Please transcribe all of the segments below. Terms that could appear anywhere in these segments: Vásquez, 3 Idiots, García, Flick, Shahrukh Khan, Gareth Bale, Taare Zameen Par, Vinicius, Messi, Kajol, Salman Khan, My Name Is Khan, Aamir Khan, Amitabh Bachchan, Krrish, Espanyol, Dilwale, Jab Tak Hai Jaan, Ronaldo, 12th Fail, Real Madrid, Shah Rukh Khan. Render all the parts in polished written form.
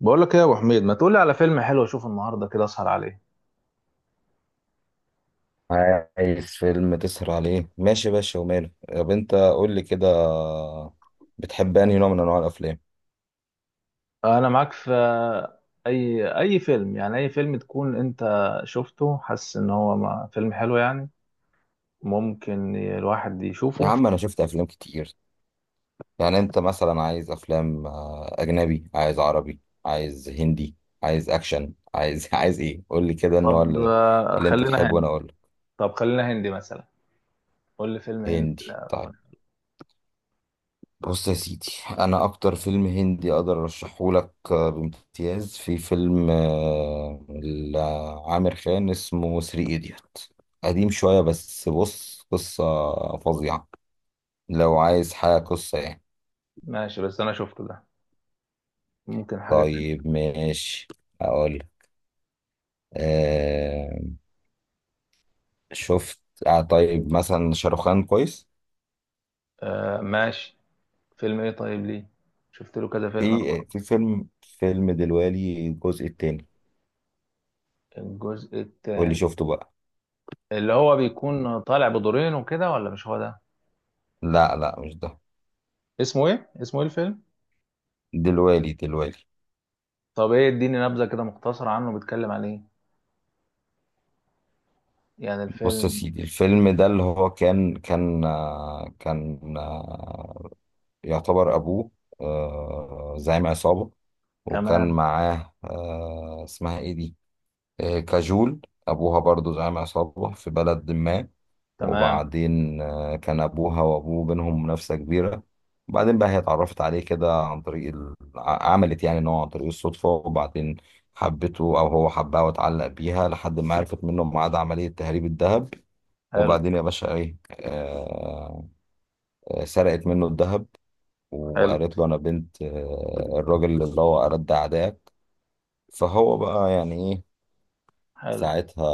بقول لك ايه يا ابو حميد؟ ما تقولي على فيلم حلو اشوفه النهارده كده اسهر عليه. عايز فيلم تسهر عليه، ماشي يا باشا وماله. طب انت قول لي كده، بتحب انهي نوع من انواع الافلام؟ انا معاك في اي فيلم، يعني اي فيلم تكون انت شفته حاسس ان هو فيلم حلو يعني ممكن الواحد يا يشوفه. عم انا شفت افلام كتير. يعني انت مثلا عايز افلام اجنبي، عايز عربي، عايز هندي، عايز اكشن، عايز عايز ايه؟ قول لي كده النوع طب اللي, اللي انت خلينا تحبه وانا هندي. اقول لك. طب خلينا هندي مثلا، قول لي فيلم هندي، هندي؟ لا طيب، كنت. بص يا سيدي، انا اكتر فيلم هندي اقدر ارشحه لك بامتياز في فيلم لعامر خان اسمه ثري ايديوت. قديم شوية بس بص قصة فظيعة لو عايز حاجة قصة يعني. ماشي، بس انا شفته ده، ممكن حاجة تانية. طيب ماشي، اقول أه شفت آه طيب مثلا شاروخان كويس. آه ماشي، فيلم ايه طيب؟ ليه؟ شفت له كذا فيلم انا في برضه. في فيلم دلوالي الجزء التاني، الجزء واللي التاني؟ شفته بقى. اللي هو بيكون طالع بدورين وكده ولا مش هو ده؟ لا لا مش ده، اسمه ايه؟ اسمه ايه الفيلم؟ دلوالي دلوالي. طب ايه، اديني نبذة كده مختصرة عنه، بيتكلم عن ايه يعني بص يا الفيلم؟ سيدي الفيلم ده اللي هو كان يعتبر أبوه زعيم عصابة، وكان تمام. معاه اسمها إيه دي؟ كاجول. أبوها برضو زعيم عصابة في بلد ما، تمام. وبعدين كان أبوها وأبوه بينهم منافسة كبيرة. وبعدين بقى هي اتعرفت عليه كده عن طريق عملت يعني إن هو عن طريق الصدفة، وبعدين حبته أو هو حبها واتعلق بيها لحد ما عرفت منه ميعاد عملية تهريب الذهب. حلو. وبعدين يا باشا ايه آه آه، سرقت منه الذهب، حلو. وقالت له انا بنت الراجل اللي هو أرد أعدائك. فهو بقى يعني ايه حلو، ساعتها،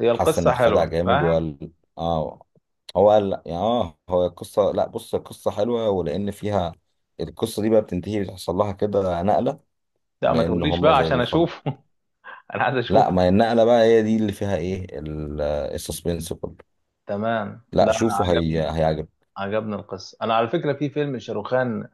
هي حس انه القصة اتخدع حلوة، جامد فاهم. وقال اه هو قال لا، يعني هو القصة، لا بص القصة حلوة ولأن فيها، القصة دي بقى بتنتهي بيحصل لها كده نقلة، لا ما لأن تقوليش هما بقى زي عشان بيخل. اشوفه انا عايز لا اشوفه. ما هي النقلة بقى هي دي اللي فيها ايه السسبنس كله. تمام، لا لا انا شوفوا هي عجبني، هيعجبك. عجبني القصة. انا على فكرة في فيلم شاروخان،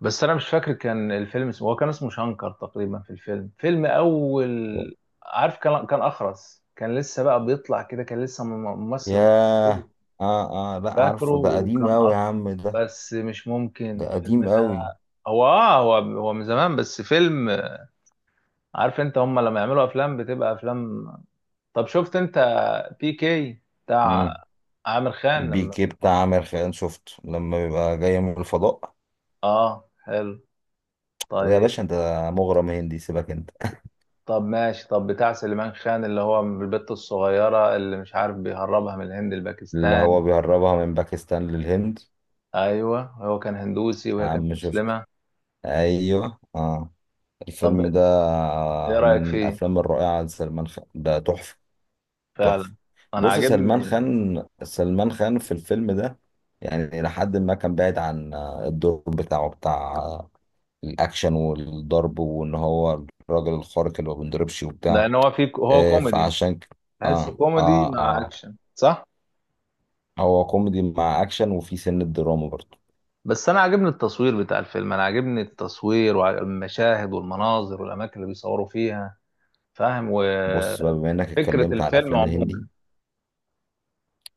بس انا مش فاكر كان الفيلم اسمه، هو كان اسمه شنكر تقريبا، في الفيلم، فيلم اول، عارف، كان اخرس، كان لسه بقى بيطلع كده، كان ممثل، مش ياه، اه لا فاكره؟ عارفه، ده قديم وكان قوي يا اخ، عم ده بس مش ده ممكن الفيلم قديم ده، قوي. هو هو من زمان، بس فيلم، عارف انت هم لما يعملوا افلام بتبقى افلام. طب شفت انت بي كي بتاع امم عامر خان لما؟ بيكي بتاع عامر خان شفته لما بيبقى جاي من الفضاء؟ اه حلو. يا طيب، باشا انت مغرم هندي، سيبك انت. طب ماشي. طب بتاع سليمان خان اللي هو البت الصغيرة اللي مش عارف بيهربها من الهند اللي لباكستان. هو بيهربها من باكستان للهند. ايوه، هو كان هندوسي يا وهي كانت عم شفت، مسلمة. ايوه طب الفيلم ده ايه رأيك من فيه؟ الافلام الرائعه لسلمان خان، ده تحفه، تحفه. فعلا، انا بص سلمان عاجبني، خان، سلمان خان في الفيلم ده يعني لحد ما كان بعيد عن الدور بتاعه، بتاع الاكشن والضرب وان هو الراجل الخارق اللي ما بينضربش وبتاع، لان هو فيه، هو آه، كوميدي. فعشان ك... تحس اه كوميدي اه مع اه اكشن، صح؟ هو كوميدي مع اكشن وفي سن الدراما برضه. بس انا عاجبني التصوير بتاع الفيلم، انا عاجبني التصوير والمشاهد والمناظر والاماكن اللي بيصوروا فيها، فاهم، بص بقى، وفكرة الفيلم عموما.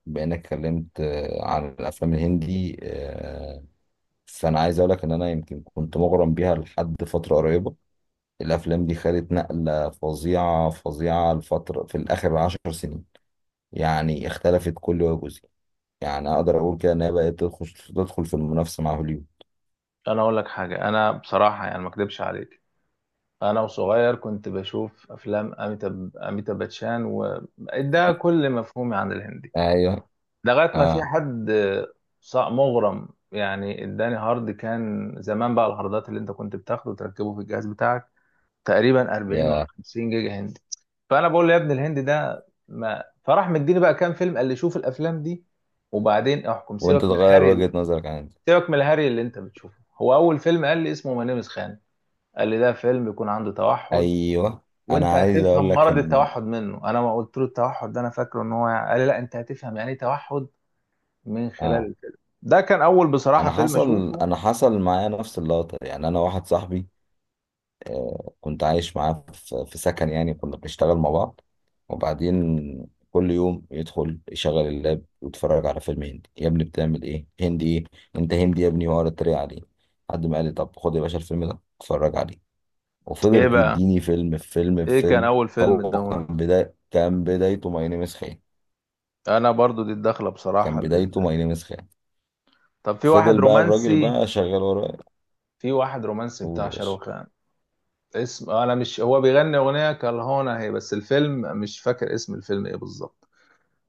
بما انك اتكلمت عن الافلام الهندي، فانا عايز اقول لك ان انا يمكن كنت مغرم بيها لحد فتره قريبه. الافلام دي خدت نقله فظيعه فظيعه الفتره في الاخر 10 سنين، يعني اختلفت كل وجه. يعني اقدر اقول كده ان هي بقت تدخل في المنافسه مع هوليوود. انا اقول لك حاجة، انا بصراحة يعني ما اكدبش عليك، انا وصغير كنت بشوف افلام اميتاب باتشان، وده كل مفهومي عن الهندي، ايوه، لغاية ما في اه حد مغرم يعني اداني هارد، كان زمان بقى الهاردات اللي انت كنت بتاخده وتركبه في الجهاز بتاعك، تقريبا 40 ولا يا 50 جيجا هندي. فانا بقول له يا ابن الهند ده، ما فراح، مديني بقى كام فيلم، قال لي شوف الافلام دي وبعدين احكم، وانت سيبك من تغير الهري. وجهه نظرك عن دي. سيبك من الهري اللي انت بتشوفه، هو اول فيلم قال لي اسمه ملامس خان، قال لي ده فيلم بيكون عنده توحد ايوه وانت انا عايز اقول هتفهم لك مرض ان التوحد منه. انا ما قلت له التوحد ده، انا فاكره ان هو قال لي لا انت هتفهم يعني ايه توحد من خلال اه الفيلم. ده كان اول بصراحة انا فيلم حصل اشوفه. انا حصل معايا نفس اللقطه. يعني انا واحد صاحبي كنت عايش معاه في سكن، يعني كنا بنشتغل مع بعض، وبعدين كل يوم يدخل يشغل اللاب ويتفرج على فيلم هندي. يا ابني بتعمل ايه؟ هندي ايه؟ انت هندي يا ابني، واقعد اتريق عليه، لحد ما قال لي طب خد يا باشا الفيلم ده اتفرج عليه، ايه وفضلت بقى، يديني فيلم في فيلم في ايه كان فيلم. اول فيلم هو اداهولك؟ كان بدايته ماي نيم از خان، انا برضو دي الدخلة كان بصراحة لل... بدايته ماي نيم از خان طب في واحد فضل بقى الراجل رومانسي، بقى شغال وراه. في واحد رومانسي قول بتاع يا باشا. شاروخ خان، اسم انا مش، هو بيغني اغنيه كالهونا هي، بس الفيلم مش فاكر اسم الفيلم ايه بالظبط،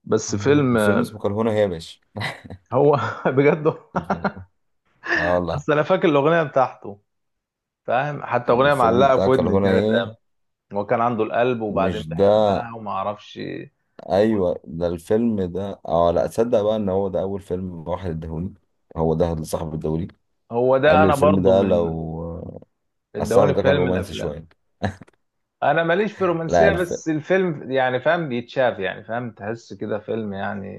بس فيلم الفيلم اسمه كرهونة هي يا باشا، هو بجد هو- الفيلم- اه والله بس انا فاكر الاغنيه بتاعته، فاهم، حتى اغنيه الفيلم معلقه بتاع في ودني كرهونة كانت هي، هو كان عنده القلب مش وبعدين ده؟ بحبها وما اعرفش إيه. ايوه ده الفيلم ده. اه لا تصدق بقى ان هو ده اول فيلم واحد اداهوني، هو ده اللي صاحب الدوري هو ده قال لي انا الفيلم برضو ده من لو، الصاحب ادوني ده كان فيلم من رومانسي الافلام. شويه. انا ماليش في لا رومانسيه، الف... بس الفيلم يعني فاهم بيتشاف، يعني فاهم تحس كده فيلم يعني،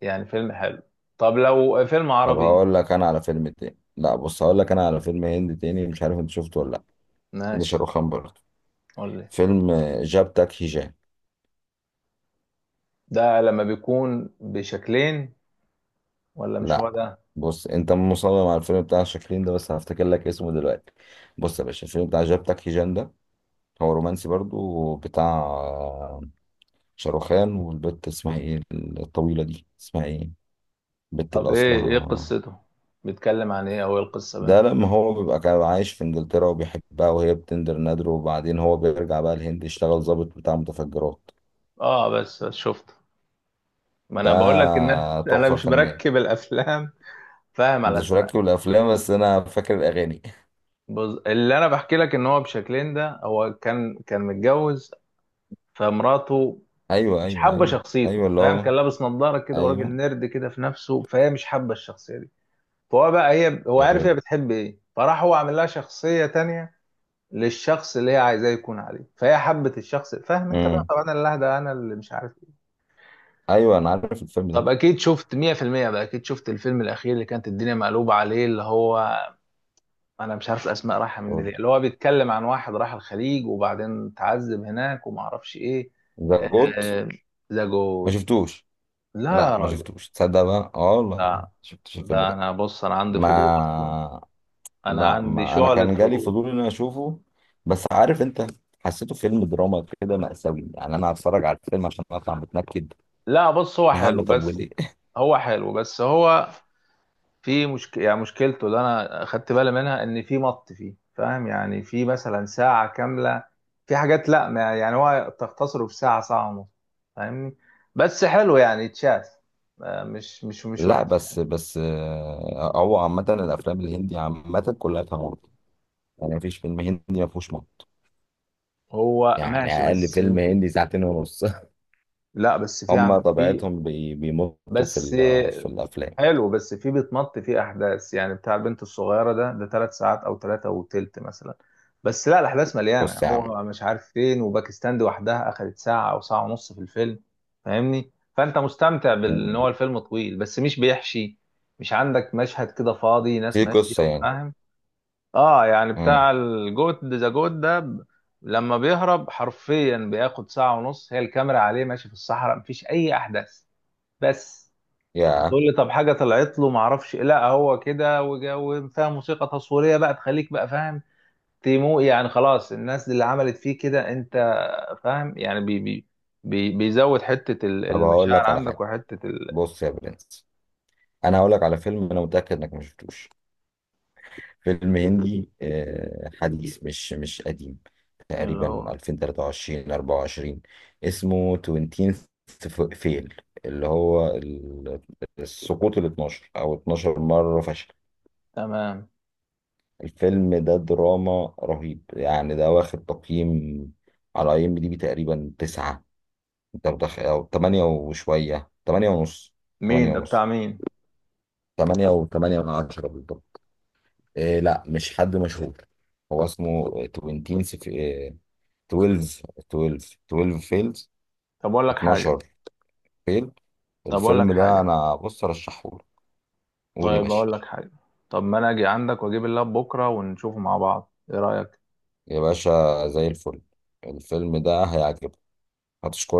يعني فيلم حلو. طب لو فيلم طب عربي؟ هقول لك انا على فيلم تاني. لا بص هقول لك انا على فيلم هندي تاني مش عارف انت شفته ولا لا. ده ماشي، شاروخ خان برضه، قول لي. فيلم جاب تاك هيجان. ده لما بيكون بشكلين ولا مش هو لا ده؟ بص انت مصمم على الفيلم بتاع شاكرين ده، بس هفتكر لك اسمه دلوقتي. بص يا باشا الفيلم بتاع جاب تاك هيجان ده، هو رومانسي برضه بتاع شاروخان، والبت اسمها ايه الطويلة دي؟ اسمها ايه البت طب اللي ايه، ايه اصلها؟ قصته، بيتكلم عن ايه او ايه القصه ده بينهم؟ لما هو بيبقى كان عايش في انجلترا وبيحبها وهي بتندر نادره، وبعدين هو بيرجع بقى الهند يشتغل ضابط بتاع متفجرات. اه بس بس شفته. ما انا ده بقول لك ان انا أنا تحفة مش فنية. مركب الافلام، فاهم على انت اسماء. شاركت بالافلام بس انا فاكر الاغاني. اللي انا بحكي لك ان هو بشكلين ده، هو كان متجوز، فمراته ايوه مش ايوه حابه ايوه، ايوه شخصيته، اللي فاهم، هو، كان لابس نظاره كده وراجل ايوه. نرد كده في نفسه، فهي مش حابه الشخصيه دي، فهو بقى هي، هو طب عارف هي يلا. بتحب ايه، فراح هو عامل لها شخصيه تانية للشخص اللي هي عايزاه يكون عليه، فهي حبت الشخص، فاهم انت بقى امم طبعا، انا اللي اهدى، انا اللي مش عارف ايه. ايوه انا عارف الفيلم ده. طب اكيد شفت 100%. بقى اكيد شفت الفيلم الاخير اللي كانت الدنيا مقلوبه عليه، اللي هو انا مش عارف الاسماء رايحه مني قول. ليه، اللي هو بيتكلم عن واحد راح الخليج وبعدين اتعذب هناك وما اعرفش ايه، ذا جوت، آه، ذا ما جود. شفتوش؟ لا لا يا ما راجل. شفتوش، تصدق بقى اه والله ما لا، شفتش الفيلم ده ده. انا بص انا عندي فضول اصلا، ما انا لا، عندي ما انا شعلة كان جالي فضول. فضول ان انا اشوفه، بس عارف انت، حسيته فيلم دراما كده مأساوي، يعني انا هتفرج على الفيلم عشان اطلع متنكد. لا بص هو يا عم حلو، طب بس وليه؟ هو حلو، بس هو في مشكلة، يعني مشكلته اللي انا خدت بالي منها ان في مط فيه، فاهم يعني، في مثلا ساعة كاملة في حاجات، لا ما يعني هو تختصره في ساعة، ساعة ونص، فاهمني؟ بس حلو يعني اتشاف، مش لا وحش بس يعني. هو عامة الأفلام الهندي عامة كلها فيها مط، يعني مفيش فيلم هندي ما فيهوش مط، هو يعني ماشي أقل بس. فيلم هندي ساعتين ونص. لا بس في عم هما في. طبيعتهم بيمطوا بس في الأفلام. حلو، بس في بيتمط فيه احداث، يعني بتاع البنت الصغيره ده ثلاث ساعات او ثلاثه وتلت مثلا، بس لا الاحداث مليانه، بص يا عم. هو مش عارف فين، وباكستان دي وحدها اخذت ساعه او ساعه ونص في الفيلم، فاهمني؟ فانت مستمتع بان مم. هو الفيلم طويل بس مش بيحشي، مش عندك مشهد كده فاضي ناس في ماشيه قصة يعني. وفاهم اه يعني مم. بتاع الجوت، ذا جوت ده لما بيهرب حرفيا بياخد ساعه ونص هي الكاميرا عليه ماشي في الصحراء مفيش اي احداث، بس، يا هتقول لي طب حاجه طلعت له، ما اعرفش، لا هو كده وفيها موسيقى تصويريه بقى تخليك بقى فاهم، تيمو يعني، خلاص الناس اللي عملت فيه كده انت فاهم يعني، بي بي بي بيزود حته طب هقول المشاعر لك على عندك حاجة. وحته بص يا برنس، أنا هقول لك على فيلم أنا متأكد إنك ما شفتوش، فيلم هندي حديث، مش قديم، اللي تقريبا هو. 2023 24، اسمه 20 فيل، اللي هو السقوط ال 12، او 12 مرة فشل. تمام. الفيلم ده دراما رهيب، يعني ده واخد تقييم على IMDB تقريبا تسعة، انت او تمانية وشوية، تمانية ونص، مين تمانية ده بتاع ونص، مين؟ تمانية و تمانية من عشرة بالضبط. إيه؟ لا مش حد مشهور. هو اسمه 20 12 12 12 فيلز، طب اقول لك حاجه، 12 فيل. طب اقول لك الفيلم ده حاجه، انا بص ارشحهولك. قول يا طيب باشا. اقول لك حاجه، طب ما انا اجي عندك واجيب اللاب بكره ونشوفه مع بعض، ايه رايك؟ يا باشا زي الفل، الفيلم ده هيعجبك، هتشكرني.